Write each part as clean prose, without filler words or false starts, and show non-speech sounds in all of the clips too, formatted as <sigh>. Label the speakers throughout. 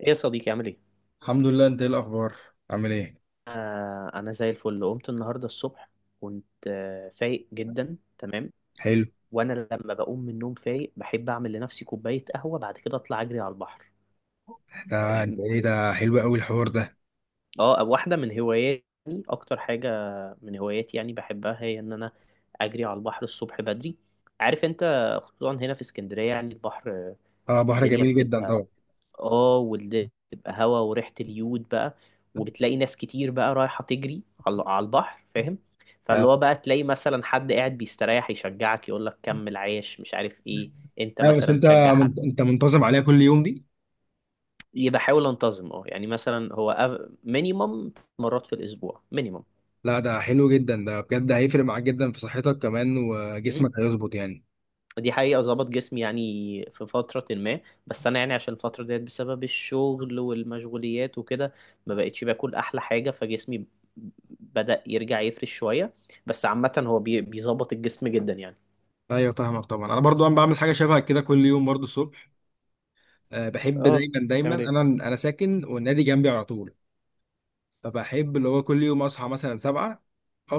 Speaker 1: ايه يا صديقي عامل ايه؟
Speaker 2: الحمد لله. انت ايه الاخبار؟ عامل ايه؟
Speaker 1: انا زي الفل قمت النهارده الصبح. كنت فايق جدا تمام.
Speaker 2: حلو.
Speaker 1: وانا لما بقوم من النوم فايق بحب اعمل لنفسي كوبايه قهوه، بعد كده اطلع اجري على البحر.
Speaker 2: ده انت
Speaker 1: اه.
Speaker 2: ايه ده؟ حلو قوي الحوار ده.
Speaker 1: واحده من هواياتي، اكتر حاجه من هواياتي يعني بحبها، هي ان انا اجري على البحر الصبح بدري، عارف انت؟ خصوصا هنا في اسكندريه، يعني البحر
Speaker 2: اه، بحر
Speaker 1: الدنيا
Speaker 2: جميل جدا
Speaker 1: بتبقى
Speaker 2: طبعا.
Speaker 1: اه، واللي تبقى هوا وريحة اليود بقى. وبتلاقي ناس كتير بقى رايحة تجري على البحر، فاهم؟
Speaker 2: اه.
Speaker 1: فاللي هو بقى تلاقي مثلا حد قاعد بيستريح يشجعك، يقول لك كمل عايش مش عارف ايه. انت
Speaker 2: بس
Speaker 1: مثلا
Speaker 2: انت
Speaker 1: تشجع حد.
Speaker 2: انت منتظم عليها كل يوم دي؟
Speaker 1: يبقى حاول انتظم يعني، مثلا هو مينيمم مرات في الاسبوع مينيمم.
Speaker 2: لا، ده حلو جدا ده، بجد هيفرق معاك جدا في صحتك، كمان وجسمك هيظبط يعني.
Speaker 1: دي حقيقة ظبط جسمي، يعني في فترة ما، بس أنا يعني عشان الفترة ديت، بسبب الشغل والمشغوليات وكده ما بقتش باكل أحلى حاجة، فجسمي بدأ يرجع يفرش شوية. بس عامة هو بيظبط الجسم جدا يعني.
Speaker 2: ايوه فاهمك طبعا، انا برضو انا بعمل حاجه شبه كده كل يوم برضو الصبح. أه بحب
Speaker 1: اه.
Speaker 2: دايما
Speaker 1: تعمل
Speaker 2: انا
Speaker 1: ايه؟
Speaker 2: انا ساكن والنادي جنبي على طول، فبحب اللي هو كل يوم اصحى مثلا 7،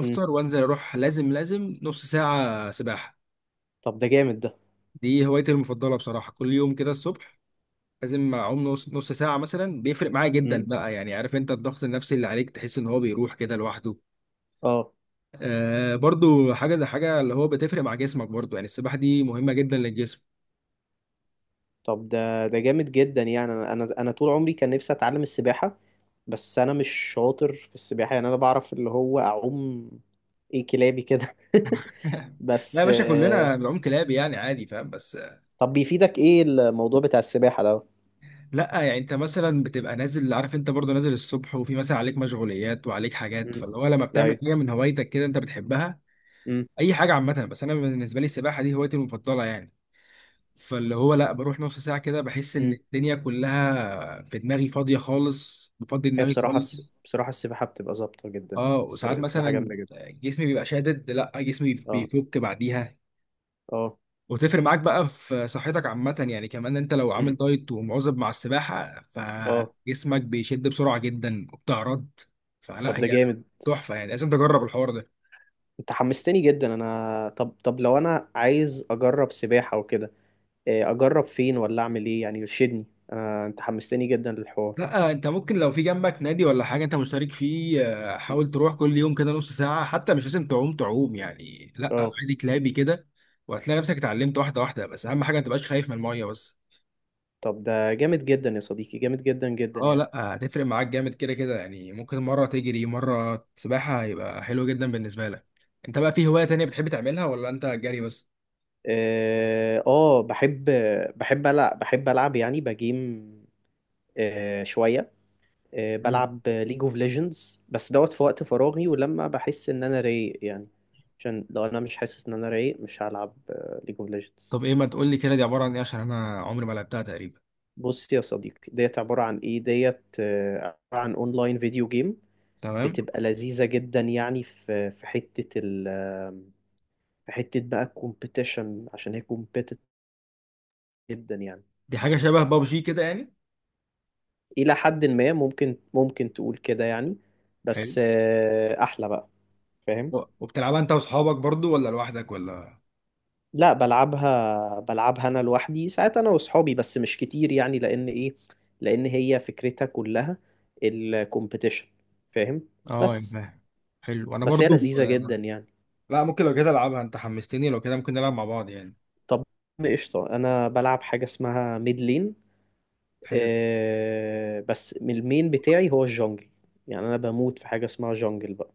Speaker 1: مم.
Speaker 2: وانزل اروح، لازم نص ساعه سباحه.
Speaker 1: طب ده جامد ده.
Speaker 2: دي هوايتي المفضلة بصراحة، كل يوم كده الصبح لازم أعوم نص ساعة مثلا، بيفرق معايا جدا
Speaker 1: مم.
Speaker 2: بقى، يعني عارف أنت الضغط النفسي اللي عليك، تحس إن هو بيروح كده لوحده.
Speaker 1: اه.
Speaker 2: آه برضو حاجة زي حاجة اللي هو بتفرق مع جسمك برضو، يعني السباحة دي مهمة جدا للجسم.
Speaker 1: طب ده جامد جدا يعني، انا انا أنا طول عمري كان نفسي اتعلم السباحة، بس انا مش شاطر في السباحة. يعني انا بعرف اللي هو اعوم ايه، كلابي كده. <laughs>
Speaker 2: <laughs> لا يا
Speaker 1: بس.
Speaker 2: باشا، كلنا بنعوم كلاب يعني عادي، فاهم؟ بس
Speaker 1: طب بيفيدك ايه الموضوع بتاع السباحة ده؟
Speaker 2: لا يعني أنت مثلا بتبقى نازل، عارف أنت برضو نازل الصبح وفي مثلا عليك مشغوليات وعليك حاجات،
Speaker 1: مم.
Speaker 2: فاللي هو لما
Speaker 1: لا
Speaker 2: بتعمل
Speaker 1: ايوه.
Speaker 2: حاجة من هوايتك كده أنت بتحبها.
Speaker 1: مم.
Speaker 2: أي حاجة عامة، بس أنا بالنسبة لي السباحة دي هوايتي المفضلة يعني، فاللي هو لا بروح نص ساعة كده بحس إن
Speaker 1: مم.
Speaker 2: الدنيا كلها في دماغي فاضية خالص، بفضي
Speaker 1: هي
Speaker 2: دماغي
Speaker 1: بصراحه
Speaker 2: خالص.
Speaker 1: بصراحه السباحه بتبقى ظابطه جدا.
Speaker 2: اه وساعات
Speaker 1: السباحه
Speaker 2: مثلا
Speaker 1: جامده جدا.
Speaker 2: جسمي بيبقى شادد، لا جسمي
Speaker 1: اه.
Speaker 2: بيفك بعديها،
Speaker 1: اه.
Speaker 2: وتفرق معاك بقى في صحتك عامة يعني، كمان انت لو
Speaker 1: مم.
Speaker 2: عامل دايت ومواظب مع السباحة
Speaker 1: اه.
Speaker 2: فجسمك بيشد بسرعة جدا وبتعرض. فلا
Speaker 1: طب ده
Speaker 2: هي
Speaker 1: جامد،
Speaker 2: تحفة يعني، لازم تجرب الحوار ده.
Speaker 1: انت حمستني جدا انا، طب لو انا عايز اجرب سباحه وكده، إيه، اجرب فين ولا اعمل ايه يعني، يرشدني. انا انت حمستني جدا للحوار.
Speaker 2: لا انت ممكن لو في جنبك نادي ولا حاجه انت مشترك فيه، حاول
Speaker 1: مم.
Speaker 2: تروح كل يوم كده نص ساعه، حتى مش لازم تعوم تعوم يعني، لا
Speaker 1: اه.
Speaker 2: عادي كلابي كده، وهتلاقي نفسك اتعلمت واحده واحده، بس اهم حاجه ما تبقاش خايف من الميه بس.
Speaker 1: طب ده جامد جدا يا صديقي، جامد جدا جدا
Speaker 2: اه
Speaker 1: يعني.
Speaker 2: لا، هتفرق معاك جامد كده كده يعني، ممكن مره تجري مره سباحه، هيبقى حلو جدا بالنسبه لك. انت بقى في هوايه تانية بتحب تعملها ولا انت جري بس؟
Speaker 1: اه. آه، بحب. بحب العب يعني بجيم، شوية.
Speaker 2: حلو.
Speaker 1: بلعب ليج اوف ليجندز بس دوت في وقت فراغي، ولما بحس ان انا رايق يعني، عشان لو انا مش حاسس ان انا رايق مش هلعب ليج اوف ليجندز.
Speaker 2: طب ايه، ما تقول لي كده، دي عباره عن ايه؟ عشان انا عمري ما لعبتها تقريبا.
Speaker 1: بص يا صديقي، ديت عبارة عن ايه؟ ديت عبارة عن اونلاين فيديو جيم.
Speaker 2: تمام.
Speaker 1: بتبقى لذيذة جدا يعني، في حتة ال آه، في حتة بقى الكومبيتيشن، عشان هي كومبيتيتيف جدا يعني.
Speaker 2: دي حاجه شبه بابجي كده يعني؟
Speaker 1: إلى حد ما ممكن تقول كده يعني.
Speaker 2: حلو.
Speaker 1: بس أحلى بقى. فاهم؟
Speaker 2: وبتلعبها انت واصحابك برضو ولا لوحدك ولا؟
Speaker 1: لا، بلعبها انا لوحدي ساعات، انا واصحابي بس مش كتير يعني، لان ايه، لان هي فكرتها كلها الكومبيتيشن، فاهم؟
Speaker 2: اه يا
Speaker 1: بس.
Speaker 2: فاهم. حلو. انا
Speaker 1: بس هي
Speaker 2: برضو
Speaker 1: لذيذة جدا
Speaker 2: آه،
Speaker 1: يعني.
Speaker 2: لا ممكن لو كده العبها، انت حمستني، لو كده ممكن نلعب مع بعض يعني.
Speaker 1: طب قشطة، انا بلعب حاجة اسمها ميد لين.
Speaker 2: حلو.
Speaker 1: آه، بس من المين بتاعي هو الجونجل، يعني انا بموت في حاجة اسمها جونجل بقى.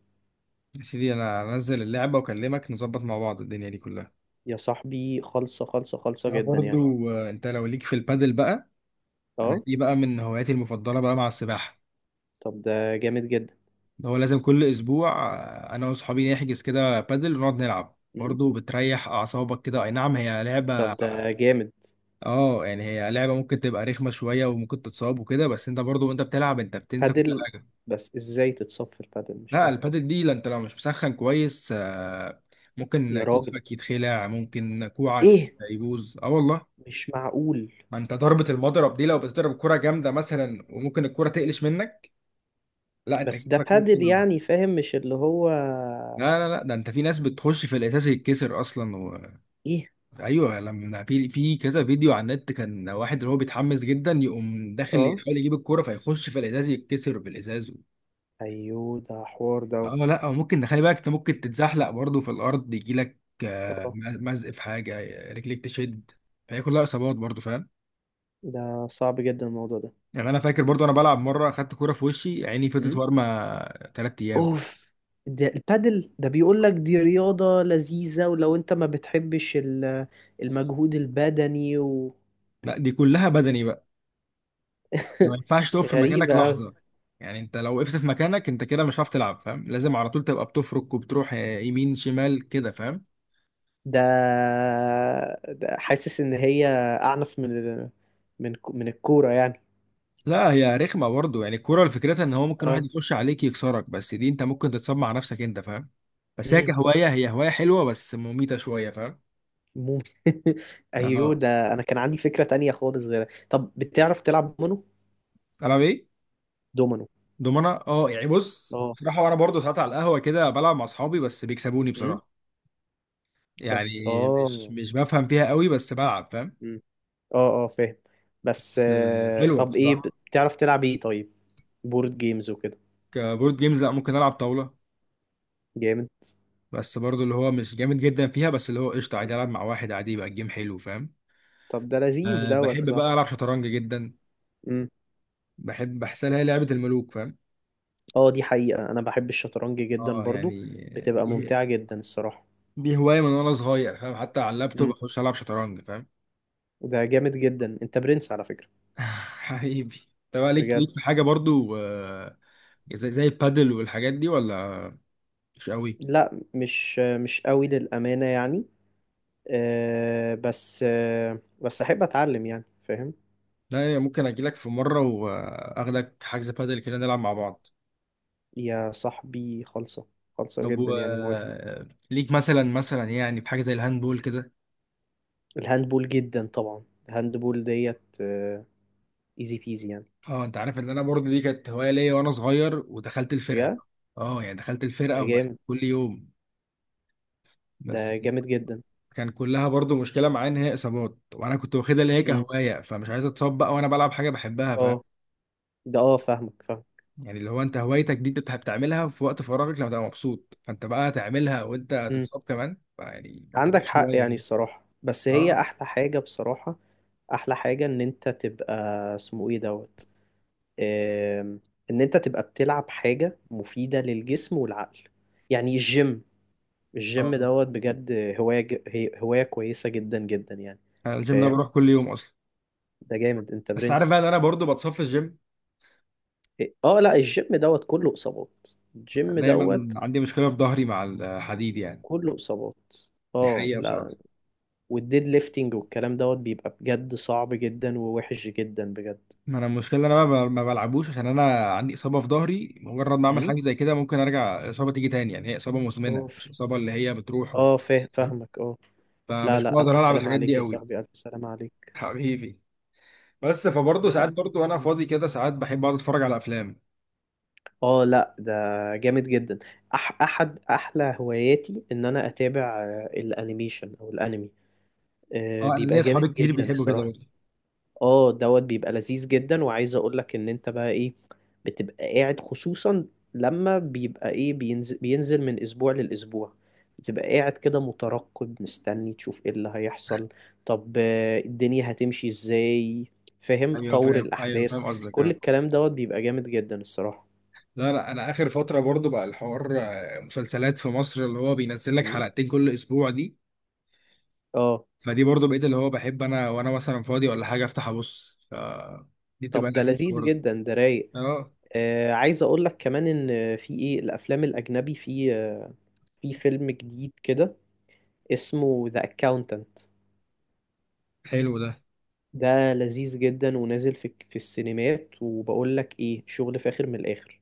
Speaker 2: يا سيدي انا انزل اللعبة واكلمك، نظبط مع بعض الدنيا دي كلها.
Speaker 1: يا صاحبي خالصة خالصة خالصة
Speaker 2: انا
Speaker 1: جدا يعني.
Speaker 2: برضو انت لو ليك في البادل بقى، انا
Speaker 1: اه.
Speaker 2: دي بقى من هواياتي المفضلة بقى مع السباحة،
Speaker 1: طب ده جامد جدا.
Speaker 2: اللي هو لازم كل اسبوع انا واصحابي نحجز كده بادل ونقعد نلعب،
Speaker 1: مم.
Speaker 2: برضو بتريح اعصابك كده، اي نعم هي لعبة.
Speaker 1: طب ده جامد.
Speaker 2: اه يعني هي لعبه ممكن تبقى رخمه شويه وممكن تتصاب وكده، بس انت برضو وانت بتلعب انت بتنسى كل
Speaker 1: بادل.
Speaker 2: حاجه.
Speaker 1: بس ازاي تتصفر بادل؟ مش
Speaker 2: لا
Speaker 1: فاهم.
Speaker 2: البادل دي، لا انت لو مش مسخن كويس ممكن
Speaker 1: يا راجل،
Speaker 2: كتفك يتخلع، ممكن كوعك
Speaker 1: ايه؟
Speaker 2: يبوظ، اه والله.
Speaker 1: مش معقول.
Speaker 2: ما انت ضربه المضرب دي لو بتضرب كره جامده مثلا، وممكن الكره تقلش منك، لا انت
Speaker 1: بس ده
Speaker 2: كتفك ممكن.
Speaker 1: بادل يعني، فاهم؟ مش اللي هو
Speaker 2: لا ده انت في ناس بتخش في الاساس يتكسر اصلا و...
Speaker 1: ايه.
Speaker 2: ايوه لما في كذا فيديو على النت، كان واحد اللي هو بيتحمس جدا، يقوم داخل
Speaker 1: اه
Speaker 2: يحاول يجيب الكوره فيخش في الازاز، يتكسر في الازاز.
Speaker 1: ايوه، ده حوار ده.
Speaker 2: اه لا، أو ممكن خلي بالك انت، ممكن تتزحلق برضه في الارض، يجي لك
Speaker 1: اه.
Speaker 2: مزق في حاجه، رجليك تشد، فهي كلها اصابات برضه، فاهم؟
Speaker 1: ده صعب جدا الموضوع ده.
Speaker 2: يعني انا فاكر برضه انا بلعب مره، اخدت كوره في وشي، عيني فضلت
Speaker 1: امم.
Speaker 2: وارمه 3 ايام.
Speaker 1: اوف. ده البادل ده بيقول لك دي رياضة لذيذة، ولو انت ما بتحبش المجهود البدني و...
Speaker 2: لا دي كلها بدني بقى. انت ما
Speaker 1: <laughs>
Speaker 2: ينفعش تقف في مكانك
Speaker 1: غريبة أوي.
Speaker 2: لحظه يعني، انت لو وقفت في مكانك انت كده مش هتعرف تلعب، فاهم؟ لازم على طول تبقى بتفرك وبتروح يمين شمال كده، فاهم؟
Speaker 1: ده... ده حاسس إن هي أعنف من ال... من من الكورة يعني.
Speaker 2: لا هي رخمه برضه يعني، الكوره فكرتها ان هو ممكن
Speaker 1: اه.
Speaker 2: واحد يخش عليك يكسرك، بس دي انت ممكن تتصاب مع نفسك انت، فاهم؟ بس هي
Speaker 1: إمم.
Speaker 2: كهوايه، هي هوايه حلوه بس مميته شويه، فاهم؟
Speaker 1: ممكن. <laughs>
Speaker 2: يعني
Speaker 1: ايوه
Speaker 2: اه.
Speaker 1: ده، انا كان عندي فكرة تانية خالص غيرها. طب بتعرف تلعب دومينو؟
Speaker 2: العب ايه؟
Speaker 1: دومينو.
Speaker 2: دومنا، اه يعني بص
Speaker 1: اه.
Speaker 2: بصراحه، وانا برضه ساعات على القهوه كده بلعب مع اصحابي، بس بيكسبوني
Speaker 1: امم.
Speaker 2: بصراحه يعني.
Speaker 1: بس
Speaker 2: مش
Speaker 1: اه.
Speaker 2: مش بفهم فيها قوي، بس بلعب فاهم.
Speaker 1: امم. اه اه، فاهم. بس
Speaker 2: بس حلوه
Speaker 1: طب ايه،
Speaker 2: بصراحه.
Speaker 1: بتعرف تلعب ايه طيب؟ بورد جيمز وكده.
Speaker 2: كبورد جيمز، لا، ممكن العب طاوله،
Speaker 1: جامد.
Speaker 2: بس برضه اللي هو مش جامد جدا فيها، بس اللي هو قشطه عادي،
Speaker 1: مم.
Speaker 2: العب مع واحد عادي يبقى الجيم حلو، فاهم؟
Speaker 1: طب ده لذيذ
Speaker 2: أه
Speaker 1: دوت يا
Speaker 2: بحب بقى
Speaker 1: صاحبي.
Speaker 2: العب شطرنج جدا،
Speaker 1: امم.
Speaker 2: بحب بحسها هي لعبة الملوك، فاهم؟
Speaker 1: اه، دي حقيقة انا بحب الشطرنج جدا
Speaker 2: اه
Speaker 1: برضو.
Speaker 2: يعني
Speaker 1: بتبقى
Speaker 2: دي
Speaker 1: ممتعة جدا الصراحة.
Speaker 2: دي هواية من وانا صغير، فاهم؟ حتى على اللابتوب
Speaker 1: امم.
Speaker 2: اخش العب شطرنج، فاهم؟
Speaker 1: ده جامد جدا، انت برنس على فكرة.
Speaker 2: <laughs> حبيبي. طب ليك
Speaker 1: بجد.
Speaker 2: ليك في حاجة برضو زي البادل والحاجات دي ولا؟ مش قوي.
Speaker 1: لا، مش قوي للأمانة يعني. بس احب اتعلم يعني، فاهم؟
Speaker 2: لا يعني ممكن اجي لك في مرة واخدك حجز بادل كده نلعب مع بعض.
Speaker 1: يا صاحبي خالصة، خالصة
Speaker 2: طب
Speaker 1: جدا
Speaker 2: و
Speaker 1: يعني، موافق.
Speaker 2: ليك مثلا، يعني في حاجة زي الهاندبول كده؟
Speaker 1: الهاندبول جدا طبعا، الهاندبول ديت ايزي بيزي يعني.
Speaker 2: اه، انت عارف ان انا برضو دي كانت هواية ليا وانا صغير، ودخلت الفرقة.
Speaker 1: بجد.
Speaker 2: اه يعني دخلت
Speaker 1: ده
Speaker 2: الفرقة وبقت
Speaker 1: جامد.
Speaker 2: كل يوم، بس
Speaker 1: ده جامد جدا.
Speaker 2: كان كلها برضو مشكله معايا ان هي اصابات، وانا كنت واخدها اللي هي
Speaker 1: امم.
Speaker 2: كهوايه، فمش عايز اتصاب بقى وانا بلعب حاجه بحبها، فاهم؟
Speaker 1: اه. ده اه فاهمك، فاهم.
Speaker 2: يعني اللي هو انت هوايتك دي انت بتعملها في وقت فراغك لما تبقى مبسوط، فانت بقى تعملها وانت
Speaker 1: امم.
Speaker 2: تتصاب كمان، فيعني انت
Speaker 1: عندك
Speaker 2: مش
Speaker 1: حق
Speaker 2: هوايه
Speaker 1: يعني
Speaker 2: كده.
Speaker 1: الصراحة، بس هي
Speaker 2: اه
Speaker 1: احلى حاجة بصراحة. احلى حاجة ان انت تبقى، اسمه ايه دوت، آم، ان انت تبقى بتلعب حاجة مفيدة للجسم والعقل، يعني الجيم. الجيم
Speaker 2: اه
Speaker 1: دوت بجد هواية، هي هواية كويسة جدا جدا يعني.
Speaker 2: انا الجيم ده
Speaker 1: فاهم؟
Speaker 2: بروح كل يوم اصلا،
Speaker 1: ده جامد، انت
Speaker 2: بس عارف بقى
Speaker 1: برنس.
Speaker 2: ان انا برضو بتصاب في الجيم.
Speaker 1: إيه، اه، لا الجيم دوت كله اصابات. الجيم
Speaker 2: دايما
Speaker 1: دوت
Speaker 2: عندي مشكله في ظهري مع الحديد يعني،
Speaker 1: كله اصابات.
Speaker 2: دي
Speaker 1: اه
Speaker 2: حقيقه
Speaker 1: لا،
Speaker 2: بصراحه.
Speaker 1: والديد ليفتنج والكلام دوت بيبقى بجد صعب جدا ووحش جدا بجد.
Speaker 2: ما انا المشكله ان انا بقى ما بلعبوش، عشان انا عندي اصابه في ظهري، مجرد ما اعمل
Speaker 1: امم.
Speaker 2: حاجه زي كده ممكن ارجع الاصابه تيجي تاني، يعني هي اصابه مزمنه مش
Speaker 1: اوف.
Speaker 2: اصابه اللي هي بتروح و...
Speaker 1: اه فاهم،
Speaker 2: فاهم؟
Speaker 1: فاهمك، اه. لا
Speaker 2: فمش
Speaker 1: لا،
Speaker 2: بقدر
Speaker 1: الف
Speaker 2: العب
Speaker 1: سلامة
Speaker 2: الحاجات
Speaker 1: عليك
Speaker 2: دي
Speaker 1: يا
Speaker 2: قوي.
Speaker 1: صاحبي، الف سلامة عليك.
Speaker 2: <laughs> حبيبي. بس فبرضه ساعات
Speaker 1: لا.
Speaker 2: برضه وانا فاضي كده، ساعات بحب اقعد اتفرج على افلام.
Speaker 1: اه لا، ده جامد جدا. احد احلى هواياتي ان انا اتابع الانيميشن او الانمي.
Speaker 2: اه انا ليا
Speaker 1: بيبقى جامد
Speaker 2: اصحابي كتير
Speaker 1: جدا
Speaker 2: بيحبوا كده
Speaker 1: الصراحه.
Speaker 2: برضه.
Speaker 1: اه دوت بيبقى لذيذ جدا، وعايز اقول لك ان انت بقى ايه، بتبقى قاعد خصوصا لما بيبقى ايه بينزل من اسبوع للاسبوع، بتبقى قاعد كده مترقب مستني تشوف ايه اللي هيحصل، طب الدنيا هتمشي ازاي، فاهم
Speaker 2: ايوه
Speaker 1: طور
Speaker 2: فاهم، ايوه
Speaker 1: الاحداث.
Speaker 2: فاهم قصدك
Speaker 1: كل
Speaker 2: يعني.
Speaker 1: الكلام دوت بيبقى جامد جدا الصراحه.
Speaker 2: لا انا اخر فتره برضه بقى الحوار مسلسلات في مصر اللي هو بينزل لك
Speaker 1: مم.
Speaker 2: حلقتين كل اسبوع دي،
Speaker 1: اه.
Speaker 2: فدي برضو بقيت اللي هو بحب انا وانا مثلا فاضي ولا حاجه افتح ابص ف، دي بتبقى
Speaker 1: طب ده
Speaker 2: لذيذه
Speaker 1: لذيذ
Speaker 2: برضو.
Speaker 1: جدا ده، رايق.
Speaker 2: اه،
Speaker 1: آه، عايز اقول لك كمان ان في ايه، الافلام الاجنبي، في فيلم جديد كده اسمه ذا اكاونتنت،
Speaker 2: حلو ده.
Speaker 1: ده لذيذ جدا ونازل في في السينمات، وبقول لك ايه، شغل فاخر من الاخر.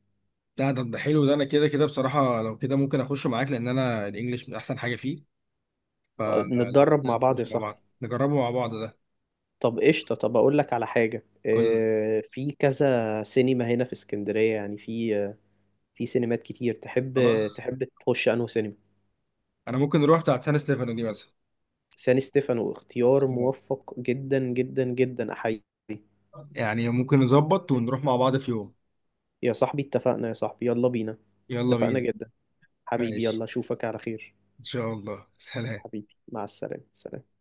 Speaker 2: لا ده ده حلو ده، انا كده كده بصراحه، لو كده ممكن اخش معاك، لان انا الانجليش من احسن حاجه فيه، فلو
Speaker 1: نتدرب
Speaker 2: كده
Speaker 1: مع بعض يا
Speaker 2: نخش مع
Speaker 1: صاحبي.
Speaker 2: بعض نجربه مع بعض ده.
Speaker 1: طب قشطة، طب اقول لك على حاجة،
Speaker 2: قول لي.
Speaker 1: في كذا سينما هنا في اسكندرية يعني، في في سينمات كتير تحب
Speaker 2: خلاص.
Speaker 1: تحب تخش انه سينما.
Speaker 2: انا ممكن نروح بتاعت سان ستيفانو دي مثلا،
Speaker 1: سان ستيفانو، اختيار موفق جدا جدا جدا، احيي.
Speaker 2: يعني ممكن نظبط ونروح مع بعض في يوم.
Speaker 1: يا صاحبي اتفقنا، يا صاحبي يلا بينا.
Speaker 2: يلا
Speaker 1: اتفقنا
Speaker 2: بينا.
Speaker 1: جدا. حبيبي،
Speaker 2: ماشي.
Speaker 1: يلا اشوفك على خير.
Speaker 2: ان شاء الله، سلام.
Speaker 1: حبيبي، مع السلامة، سلام.